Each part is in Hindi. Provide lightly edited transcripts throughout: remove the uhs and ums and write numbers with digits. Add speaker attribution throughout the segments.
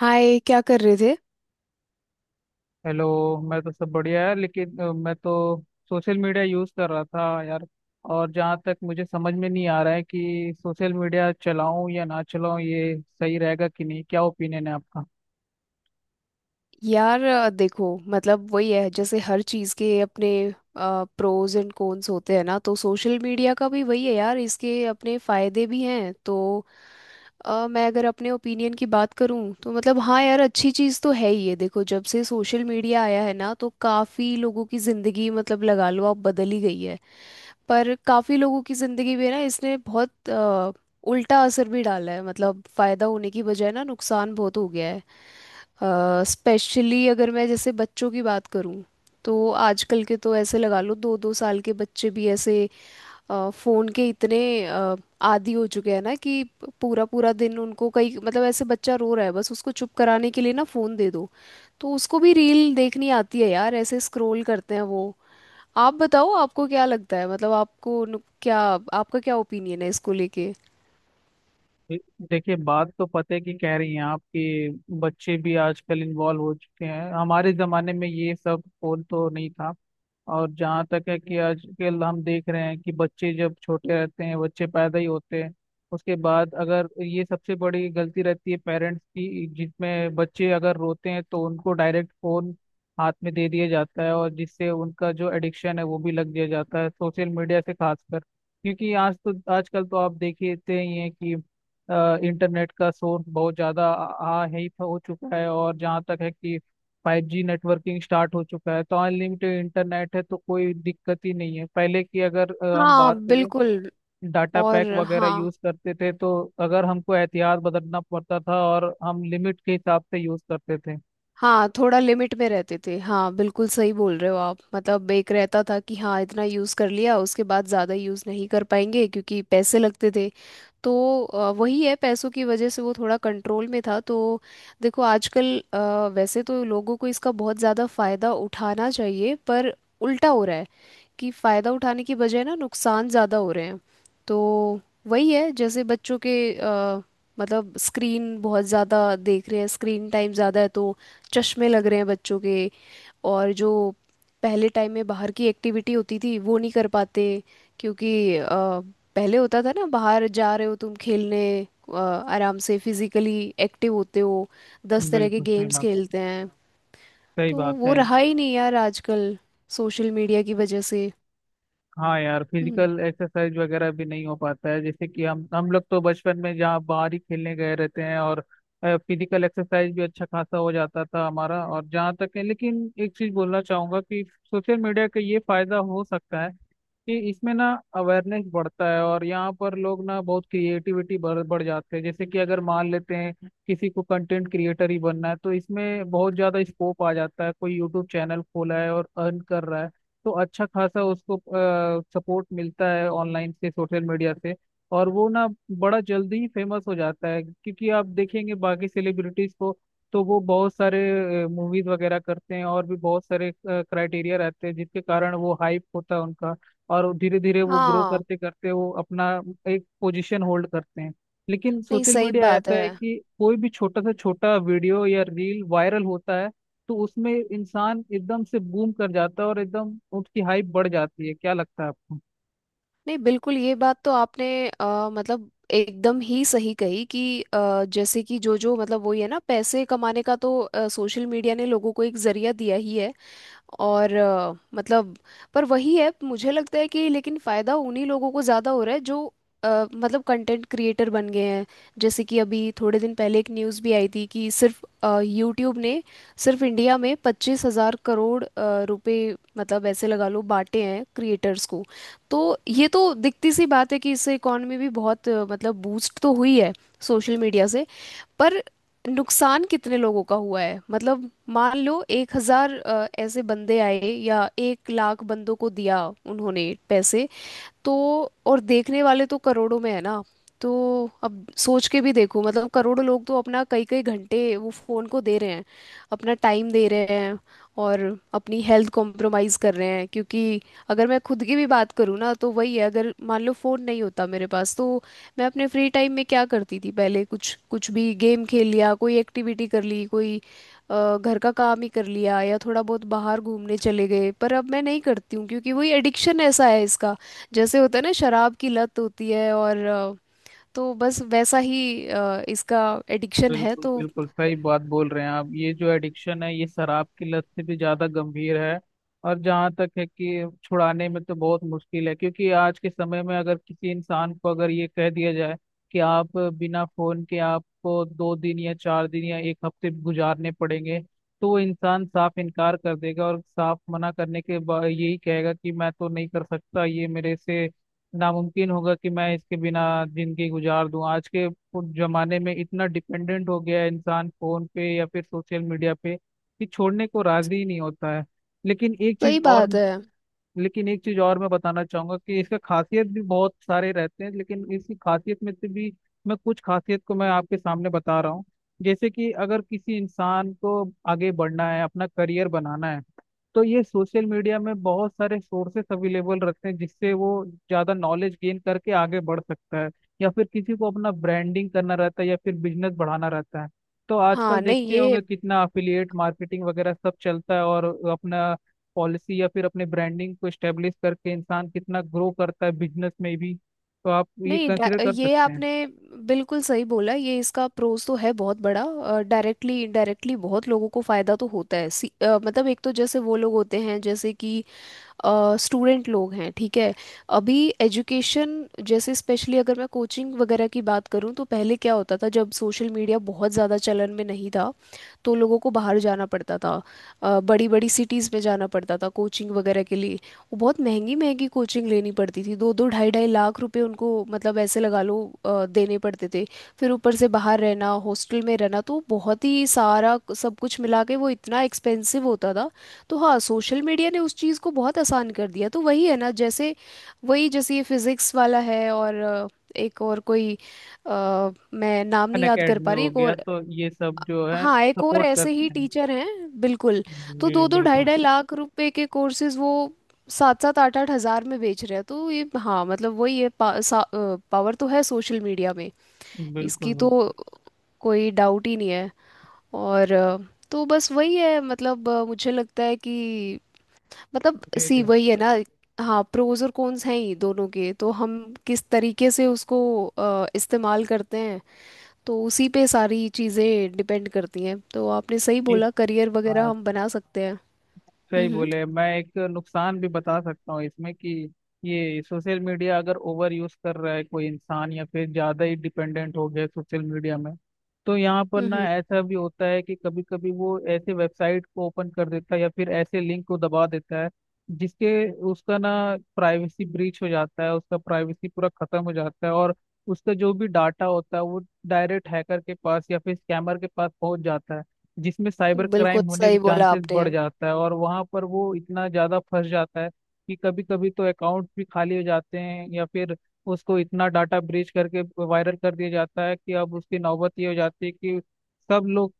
Speaker 1: हाय, क्या कर रहे थे?
Speaker 2: हेलो। मैं तो सब बढ़िया है लेकिन मैं तो सोशल मीडिया यूज़ कर रहा था यार। और जहाँ तक मुझे समझ में नहीं आ रहा है कि सोशल मीडिया चलाऊं या ना चलाऊं, ये सही रहेगा कि नहीं? क्या ओपिनियन है आपका?
Speaker 1: यार देखो मतलब वही है, जैसे हर चीज़ के अपने प्रोज एंड कॉन्स होते हैं ना। तो सोशल मीडिया का भी वही है यार, इसके अपने फायदे भी हैं। तो मैं अगर अपने ओपिनियन की बात करूं तो मतलब हाँ यार, अच्छी चीज़ तो है ही। ये देखो जब से सोशल मीडिया आया है ना तो काफ़ी लोगों की ज़िंदगी, मतलब लगा लो आप, बदल ही गई है। पर काफ़ी लोगों की ज़िंदगी में ना इसने बहुत उल्टा असर भी डाला है, मतलब फ़ायदा होने की बजाय ना नुकसान बहुत हो गया है। स्पेशली अगर मैं जैसे बच्चों की बात करूं तो आजकल के तो, ऐसे लगा लो, दो दो साल के बच्चे भी ऐसे फ़ोन के इतने अ, आदी हो चुके हैं ना कि पूरा पूरा दिन उनको, कई मतलब ऐसे बच्चा रो रहा है, बस उसको चुप कराने के लिए ना फ़ोन दे दो। तो उसको भी रील देखनी आती है यार, ऐसे स्क्रॉल करते हैं वो। आप बताओ, आपको क्या लगता है? मतलब आपको क्या, आपका क्या ओपिनियन है इसको लेके?
Speaker 2: दे- देखिए, बात तो पते की कह रही हैं आप कि बच्चे भी आजकल इन्वॉल्व हो चुके हैं। हमारे ज़माने में ये सब फोन तो नहीं था। और जहाँ तक है कि आजकल हम देख रहे हैं कि बच्चे जब छोटे रहते हैं, बच्चे पैदा ही होते हैं उसके बाद अगर ये सबसे बड़ी गलती रहती है पेरेंट्स की, जिसमें बच्चे अगर रोते हैं तो उनको डायरेक्ट फोन हाथ में दे दिया जाता है और जिससे उनका जो एडिक्शन है वो भी लग दिया जाता है सोशल मीडिया से, खासकर क्योंकि आज तो आजकल तो आप देखते ही हैं कि इंटरनेट का सोर्स बहुत ज़्यादा आ आ- है ही हो चुका है। और जहाँ तक है कि 5G नेटवर्किंग स्टार्ट हो चुका है तो अनलिमिटेड इंटरनेट है तो कोई दिक्कत ही नहीं है। पहले की अगर हम
Speaker 1: हाँ,
Speaker 2: बात करें
Speaker 1: बिल्कुल।
Speaker 2: डाटा पैक
Speaker 1: और।
Speaker 2: वगैरह
Speaker 1: हाँ।
Speaker 2: यूज करते थे तो अगर हमको एहतियात बदलना पड़ता था और हम लिमिट के हिसाब से यूज करते थे।
Speaker 1: हाँ, थोड़ा लिमिट में रहते थे, हाँ बिल्कुल सही बोल रहे हो आप। मतलब एक रहता था कि हाँ इतना यूज़ कर लिया, उसके बाद ज़्यादा यूज़ नहीं कर पाएंगे, क्योंकि पैसे लगते थे। तो वही है, पैसों की वजह से वो थोड़ा कंट्रोल में था। तो देखो आजकल वैसे तो लोगों को इसका बहुत ज़्यादा फ़ायदा उठाना चाहिए, पर उल्टा हो रहा है कि फ़ायदा उठाने की बजाय ना नुकसान ज़्यादा हो रहे हैं। तो वही है, जैसे बच्चों के मतलब स्क्रीन बहुत ज़्यादा देख रहे हैं, स्क्रीन टाइम ज़्यादा है, तो चश्मे लग रहे हैं बच्चों के। और जो पहले टाइम में बाहर की एक्टिविटी होती थी वो नहीं कर पाते, क्योंकि पहले होता था ना, बाहर जा रहे हो तुम खेलने, आराम से फिजिकली एक्टिव होते हो, 10 तरह के
Speaker 2: बिल्कुल सही
Speaker 1: गेम्स
Speaker 2: बात।
Speaker 1: खेलते हैं।
Speaker 2: सही
Speaker 1: तो
Speaker 2: बात
Speaker 1: वो
Speaker 2: है।
Speaker 1: रहा ही नहीं यार आजकल, सोशल मीडिया की वजह से।
Speaker 2: हाँ यार,
Speaker 1: हम्म।
Speaker 2: फिजिकल एक्सरसाइज वगैरह भी नहीं हो पाता है जैसे कि हम लोग तो बचपन में जहाँ बाहर ही खेलने गए रहते हैं और फिजिकल एक्सरसाइज भी अच्छा खासा हो जाता था हमारा। और जहाँ तक है, लेकिन एक चीज बोलना चाहूंगा कि सोशल मीडिया का ये फायदा हो सकता है कि इसमें ना अवेयरनेस बढ़ता है और यहाँ पर लोग ना बहुत क्रिएटिविटी बढ़ बढ़ जाते हैं। जैसे कि अगर मान लेते हैं किसी को कंटेंट क्रिएटर ही बनना है तो इसमें बहुत ज़्यादा स्कोप आ जाता है। कोई यूट्यूब चैनल खोला है और अर्न कर रहा है तो अच्छा खासा उसको सपोर्ट मिलता है ऑनलाइन से, सोशल मीडिया से। और वो ना बड़ा जल्दी ही फेमस हो जाता है क्योंकि आप देखेंगे बाकी सेलिब्रिटीज को तो वो बहुत सारे मूवीज वगैरह करते हैं और भी बहुत सारे क्राइटेरिया रहते हैं जिसके कारण वो हाइप होता है उनका। और धीरे धीरे वो ग्रो
Speaker 1: हाँ,
Speaker 2: करते करते वो अपना एक पोजीशन होल्ड करते हैं। लेकिन
Speaker 1: नहीं,
Speaker 2: सोशल
Speaker 1: सही
Speaker 2: मीडिया
Speaker 1: बात
Speaker 2: ऐसा
Speaker 1: है।
Speaker 2: है कि कोई भी छोटा से छोटा वीडियो या रील वायरल होता है तो उसमें इंसान एकदम से बूम कर जाता है और एकदम उसकी हाइप बढ़ जाती है। क्या लगता है आपको?
Speaker 1: नहीं, बिल्कुल ये बात तो आपने मतलब एकदम ही सही कही कि जैसे कि जो जो, मतलब वही है ना, पैसे कमाने का तो सोशल मीडिया ने लोगों को एक जरिया दिया ही है। और मतलब, पर वही है, मुझे लगता है कि लेकिन फायदा उन्हीं लोगों को ज्यादा हो रहा है जो मतलब कंटेंट क्रिएटर बन गए हैं। जैसे कि अभी थोड़े दिन पहले एक न्यूज़ भी आई थी कि सिर्फ यूट्यूब ने सिर्फ इंडिया में 25,000 करोड़ रुपए, मतलब ऐसे लगा लो, बांटे हैं क्रिएटर्स को। तो ये तो दिखती सी बात है कि इससे इकॉनमी भी बहुत मतलब बूस्ट तो हुई है सोशल मीडिया से। पर नुकसान कितने लोगों का हुआ है मतलब, मान लो एक हजार ऐसे बंदे आए, या एक लाख बंदों को दिया उन्होंने पैसे, तो और देखने वाले तो करोड़ों में है ना। तो अब सोच के भी देखो, मतलब करोड़ों लोग तो अपना कई कई घंटे वो फोन को दे रहे हैं, अपना टाइम दे रहे हैं, और अपनी हेल्थ कॉम्प्रोमाइज कर रहे हैं। क्योंकि अगर मैं खुद की भी बात करूँ ना तो वही है, अगर मान लो फोन नहीं होता मेरे पास तो मैं अपने फ्री टाइम में क्या करती थी पहले? कुछ कुछ भी गेम खेल लिया, कोई एक्टिविटी कर ली, कोई घर का काम ही कर लिया, या थोड़ा बहुत बाहर घूमने चले गए। पर अब मैं नहीं करती हूँ क्योंकि वही एडिक्शन ऐसा है इसका, जैसे होता है ना शराब की लत होती है, और तो बस वैसा ही इसका एडिक्शन है।
Speaker 2: बिल्कुल
Speaker 1: तो
Speaker 2: बिल्कुल सही बात बोल रहे हैं आप। ये जो एडिक्शन है ये शराब की लत से भी ज्यादा गंभीर है। और जहाँ तक है कि छुड़ाने में तो बहुत मुश्किल है क्योंकि आज के समय में अगर किसी इंसान को अगर ये कह दिया जाए कि आप बिना फोन के आपको 2 दिन या 4 दिन या 1 हफ्ते गुजारने पड़ेंगे तो वो इंसान साफ इनकार कर देगा और साफ मना करने के बाद यही कहेगा कि मैं तो नहीं कर सकता ये मेरे से। नामुमकिन होगा कि मैं इसके बिना जिंदगी गुजार दूं। आज के जमाने में इतना डिपेंडेंट हो गया है इंसान फोन पे या फिर सोशल मीडिया पे कि छोड़ने को राजी ही नहीं होता है। लेकिन एक चीज
Speaker 1: सही
Speaker 2: और
Speaker 1: बात है।
Speaker 2: लेकिन एक चीज और मैं बताना चाहूंगा कि इसका खासियत भी बहुत सारे रहते हैं। लेकिन इसकी खासियत में से भी मैं कुछ खासियत को मैं आपके सामने बता रहा हूँ। जैसे कि अगर किसी इंसान को आगे बढ़ना है, अपना करियर बनाना है तो ये सोशल मीडिया में बहुत सारे सोर्सेस अवेलेबल रखते हैं जिससे वो ज़्यादा नॉलेज गेन करके आगे बढ़ सकता है। या फिर किसी को अपना ब्रांडिंग करना रहता है या फिर बिजनेस बढ़ाना रहता है तो आजकल
Speaker 1: हाँ, नहीं
Speaker 2: देखते
Speaker 1: ये।
Speaker 2: होंगे कितना अफिलिएट मार्केटिंग वगैरह सब चलता है और अपना पॉलिसी या फिर अपने ब्रांडिंग को स्टेब्लिश करके इंसान कितना ग्रो करता है बिजनेस में भी। तो आप ये
Speaker 1: नहीं,
Speaker 2: कंसिडर कर
Speaker 1: ये
Speaker 2: सकते हैं।
Speaker 1: आपने बिल्कुल सही बोला, ये इसका प्रोज तो है बहुत बड़ा। डायरेक्टली इनडायरेक्टली बहुत लोगों को फायदा तो होता है, मतलब एक तो जैसे वो लोग होते हैं, जैसे कि स्टूडेंट लोग हैं, ठीक है, अभी एजुकेशन, जैसे स्पेशली अगर मैं कोचिंग वगैरह की बात करूँ तो पहले क्या होता था जब सोशल मीडिया बहुत ज़्यादा चलन में नहीं था? तो लोगों को बाहर जाना पड़ता था, बड़ी बड़ी सिटीज़ में जाना पड़ता था कोचिंग वगैरह के लिए। वो बहुत महंगी महंगी कोचिंग लेनी पड़ती थी, दो दो ढाई ढाई लाख रुपए उनको, मतलब ऐसे लगा लो, देने पड़ते थे। फिर ऊपर से बाहर रहना, हॉस्टल में रहना, तो बहुत ही सारा सब कुछ मिला के वो इतना एक्सपेंसिव होता था। तो हाँ, सोशल मीडिया ने उस चीज़ को बहुत आसान कर दिया। तो वही है ना, जैसे वही जैसे ये फिजिक्स वाला है, और एक और कोई, मैं नाम
Speaker 2: अन
Speaker 1: नहीं याद कर
Speaker 2: अकेडमी
Speaker 1: पा रही,
Speaker 2: हो
Speaker 1: एक
Speaker 2: गया,
Speaker 1: और।
Speaker 2: तो ये सब जो है
Speaker 1: हाँ, एक और
Speaker 2: सपोर्ट
Speaker 1: ऐसे ही
Speaker 2: करते हैं।
Speaker 1: टीचर हैं। बिल्कुल। तो
Speaker 2: जी
Speaker 1: दो दो ढाई
Speaker 2: बिल्कुल।
Speaker 1: ढाई लाख रुपए के कोर्सेज वो सात सात आठ आठ हजार में बेच रहे हैं। तो ये, हाँ मतलब वही है, पावर तो है सोशल मीडिया में,
Speaker 2: बिल्कुल।
Speaker 1: इसकी तो
Speaker 2: बिल्कुल।
Speaker 1: कोई डाउट ही नहीं है। और तो बस वही है, मतलब मुझे लगता है कि मतलब सी
Speaker 2: जी
Speaker 1: वही है ना। हाँ, प्रोज और कॉन्स हैं ही दोनों के, तो हम किस तरीके से उसको इस्तेमाल करते हैं, तो उसी पे सारी चीज़ें डिपेंड करती हैं। तो आपने सही
Speaker 2: जी
Speaker 1: बोला, करियर वगैरह
Speaker 2: हाँ।
Speaker 1: हम बना सकते हैं।
Speaker 2: सही
Speaker 1: हम्म।
Speaker 2: बोले, मैं एक नुकसान भी बता सकता हूँ इसमें कि ये सोशल मीडिया अगर ओवर यूज कर रहा है कोई इंसान या फिर ज्यादा ही डिपेंडेंट हो गया सोशल मीडिया में तो यहाँ पर ना
Speaker 1: हम्म।
Speaker 2: ऐसा भी होता है कि कभी कभी वो ऐसे वेबसाइट को ओपन कर देता है या फिर ऐसे लिंक को दबा देता है जिसके उसका ना प्राइवेसी ब्रीच हो जाता है, उसका प्राइवेसी पूरा खत्म हो जाता है और उसका जो भी डाटा होता है वो डायरेक्ट हैकर के पास या फिर स्कैमर के पास पहुंच जाता है। जिसमें साइबर
Speaker 1: बिल्कुल
Speaker 2: क्राइम होने के
Speaker 1: सही बोला
Speaker 2: चांसेस
Speaker 1: आपने।
Speaker 2: बढ़ जाता है और वहां पर वो इतना ज्यादा फंस जाता है कि कभी कभी तो अकाउंट भी खाली हो जाते हैं या फिर उसको इतना डाटा ब्रीच करके वायरल कर दिया जाता है कि अब उसकी नौबत ये हो जाती है कि सब लोग,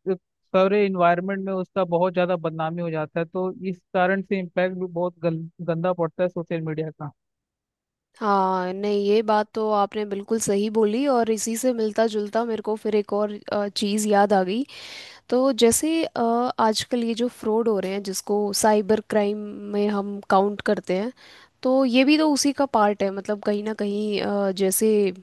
Speaker 2: सारे इन्वायरमेंट में उसका बहुत ज्यादा बदनामी हो जाता है। तो इस कारण से इम्पैक्ट भी बहुत गंदा पड़ता है सोशल मीडिया का।
Speaker 1: हाँ, नहीं ये बात तो आपने बिल्कुल सही बोली, और इसी से मिलता जुलता मेरे को फिर एक और चीज़ याद आ गई। तो जैसे आजकल ये जो फ्रॉड हो रहे हैं, जिसको साइबर क्राइम में हम काउंट करते हैं, तो ये भी तो उसी का पार्ट है, मतलब कहीं ना कहीं जैसे,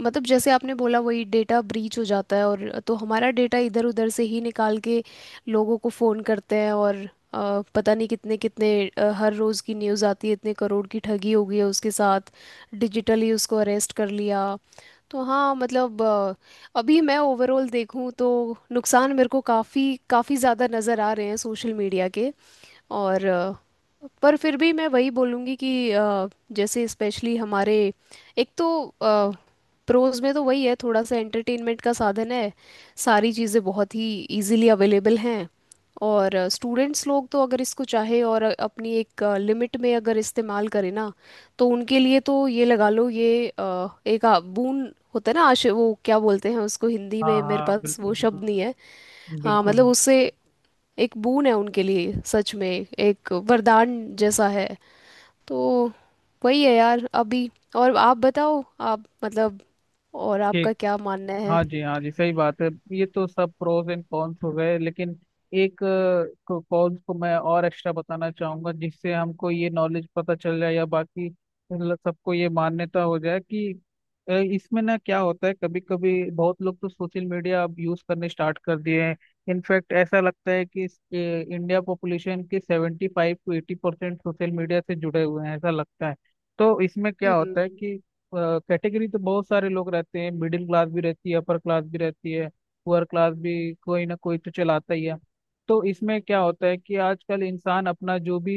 Speaker 1: मतलब जैसे आपने बोला, वही डेटा ब्रीच हो जाता है, और तो हमारा डेटा इधर उधर से ही निकाल के लोगों को फ़ोन करते हैं। और पता नहीं कितने कितने हर रोज़ की न्यूज़ आती है, इतने करोड़ की ठगी हो गई है उसके साथ, डिजिटली उसको अरेस्ट कर लिया। तो हाँ मतलब अभी मैं ओवरऑल देखूँ तो नुकसान मेरे को काफ़ी काफ़ी ज़्यादा नज़र आ रहे हैं सोशल मीडिया के। और पर फिर भी मैं वही बोलूँगी कि जैसे स्पेशली हमारे, एक तो प्रोज में तो वही है, थोड़ा सा एंटरटेनमेंट का साधन है, सारी चीज़ें बहुत ही इजीली अवेलेबल हैं। और स्टूडेंट्स लोग तो अगर इसको चाहे और अपनी एक लिमिट में अगर इस्तेमाल करें ना, तो उनके लिए तो ये, लगा लो, ये एक बून होता है ना, आश, वो क्या बोलते हैं उसको हिंदी
Speaker 2: हाँ
Speaker 1: में, मेरे
Speaker 2: हाँ
Speaker 1: पास
Speaker 2: बिल्कुल।
Speaker 1: वो
Speaker 2: बिल्कुल
Speaker 1: शब्द नहीं है। हाँ
Speaker 2: बिल्कुल।
Speaker 1: मतलब उससे एक बून है उनके लिए, सच में, एक वरदान जैसा है। तो वही है यार अभी, और आप बताओ, आप, मतलब और आपका
Speaker 2: ठीक।
Speaker 1: क्या मानना है?
Speaker 2: हाँ जी, हाँ जी, सही बात है। ये तो सब प्रोज एंड कॉन्स हो गए लेकिन एक कॉन्स को मैं और एक्स्ट्रा बताना चाहूंगा जिससे हमको ये नॉलेज पता चल जाए या बाकी सबको ये मान्यता हो जाए कि इसमें ना क्या होता है कभी कभी बहुत लोग तो सोशल मीडिया अब यूज करने स्टार्ट कर दिए हैं। इनफैक्ट ऐसा लगता है कि इंडिया पॉपुलेशन के 75 to 80% सोशल मीडिया से जुड़े हुए हैं, ऐसा लगता है। तो इसमें क्या होता है,
Speaker 1: हम्म।
Speaker 2: कैटेगरी तो बहुत सारे लोग रहते हैं। मिडिल क्लास भी रहती है, अपर क्लास भी रहती है, पुअर क्लास भी। कोई ना कोई तो चलाता ही है। तो इसमें क्या होता है कि आजकल इंसान अपना जो भी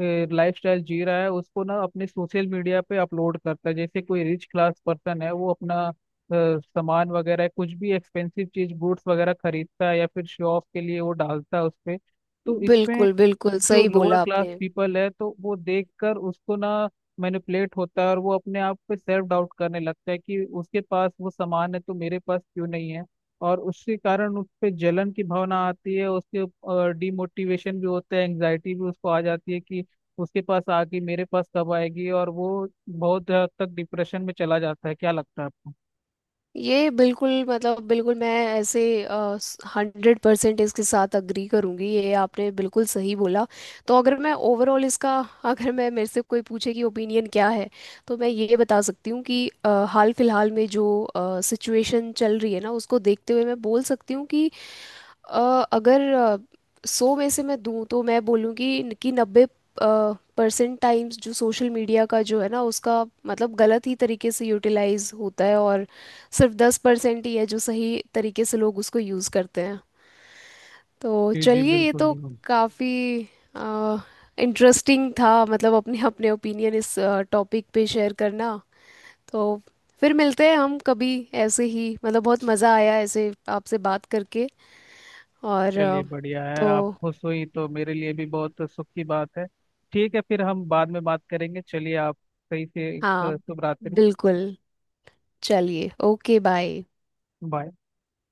Speaker 2: लाइफ स्टाइल जी रहा है उसको ना अपने सोशल मीडिया पे अपलोड करता है। जैसे कोई रिच क्लास पर्सन है, वो अपना सामान वगैरह कुछ भी एक्सपेंसिव चीज गुड्स वगैरह खरीदता है या फिर शो ऑफ के लिए वो डालता है उस पे। तो इसमें
Speaker 1: बिल्कुल, बिल्कुल
Speaker 2: जो
Speaker 1: सही
Speaker 2: लोअर
Speaker 1: बोला
Speaker 2: क्लास
Speaker 1: आपने।
Speaker 2: पीपल है तो वो देखकर उसको ना मैनिपुलेट होता है और वो अपने आप पे सेल्फ डाउट करने लगता है कि उसके पास वो सामान है तो मेरे पास क्यों नहीं है। और उसके कारण उस पे जलन की भावना आती है, उसके डिमोटिवेशन भी होता है, एंग्जाइटी भी उसको आ जाती है कि उसके पास आके मेरे पास कब आएगी और वो बहुत हद तक डिप्रेशन में चला जाता है। क्या लगता है आपको?
Speaker 1: ये बिल्कुल, मतलब बिल्कुल, मैं ऐसे 100% इसके साथ अग्री करूंगी, ये आपने बिल्कुल सही बोला। तो अगर मैं ओवरऑल इसका अगर मैं, मेरे से कोई पूछे कि ओपिनियन क्या है, तो मैं ये बता सकती हूँ कि हाल फिलहाल में जो सिचुएशन चल रही है ना, उसको देखते हुए मैं बोल सकती हूँ कि अ, अगर 100 में से मैं दूं तो मैं बोलूँगी कि 90% टाइम्स जो सोशल मीडिया का जो है ना, उसका मतलब गलत ही तरीके से यूटिलाइज होता है, और सिर्फ 10% ही है जो सही तरीके से लोग उसको यूज़ करते हैं। तो
Speaker 2: जी जी
Speaker 1: चलिए, ये
Speaker 2: बिल्कुल
Speaker 1: तो
Speaker 2: बिल्कुल।
Speaker 1: काफ़ी इंटरेस्टिंग था, मतलब अपने अपने ओपिनियन इस टॉपिक पे शेयर करना। तो फिर मिलते हैं हम कभी ऐसे ही, मतलब बहुत मज़ा आया ऐसे आपसे बात करके। और
Speaker 2: चलिए बढ़िया है,
Speaker 1: तो
Speaker 2: आप खुश हुई तो मेरे लिए भी बहुत सुख की बात है। ठीक है, फिर हम बाद में बात करेंगे। चलिए, आप सही से
Speaker 1: हाँ
Speaker 2: शुभ रात्रि।
Speaker 1: बिल्कुल, चलिए ओके, बाय।
Speaker 2: बाय।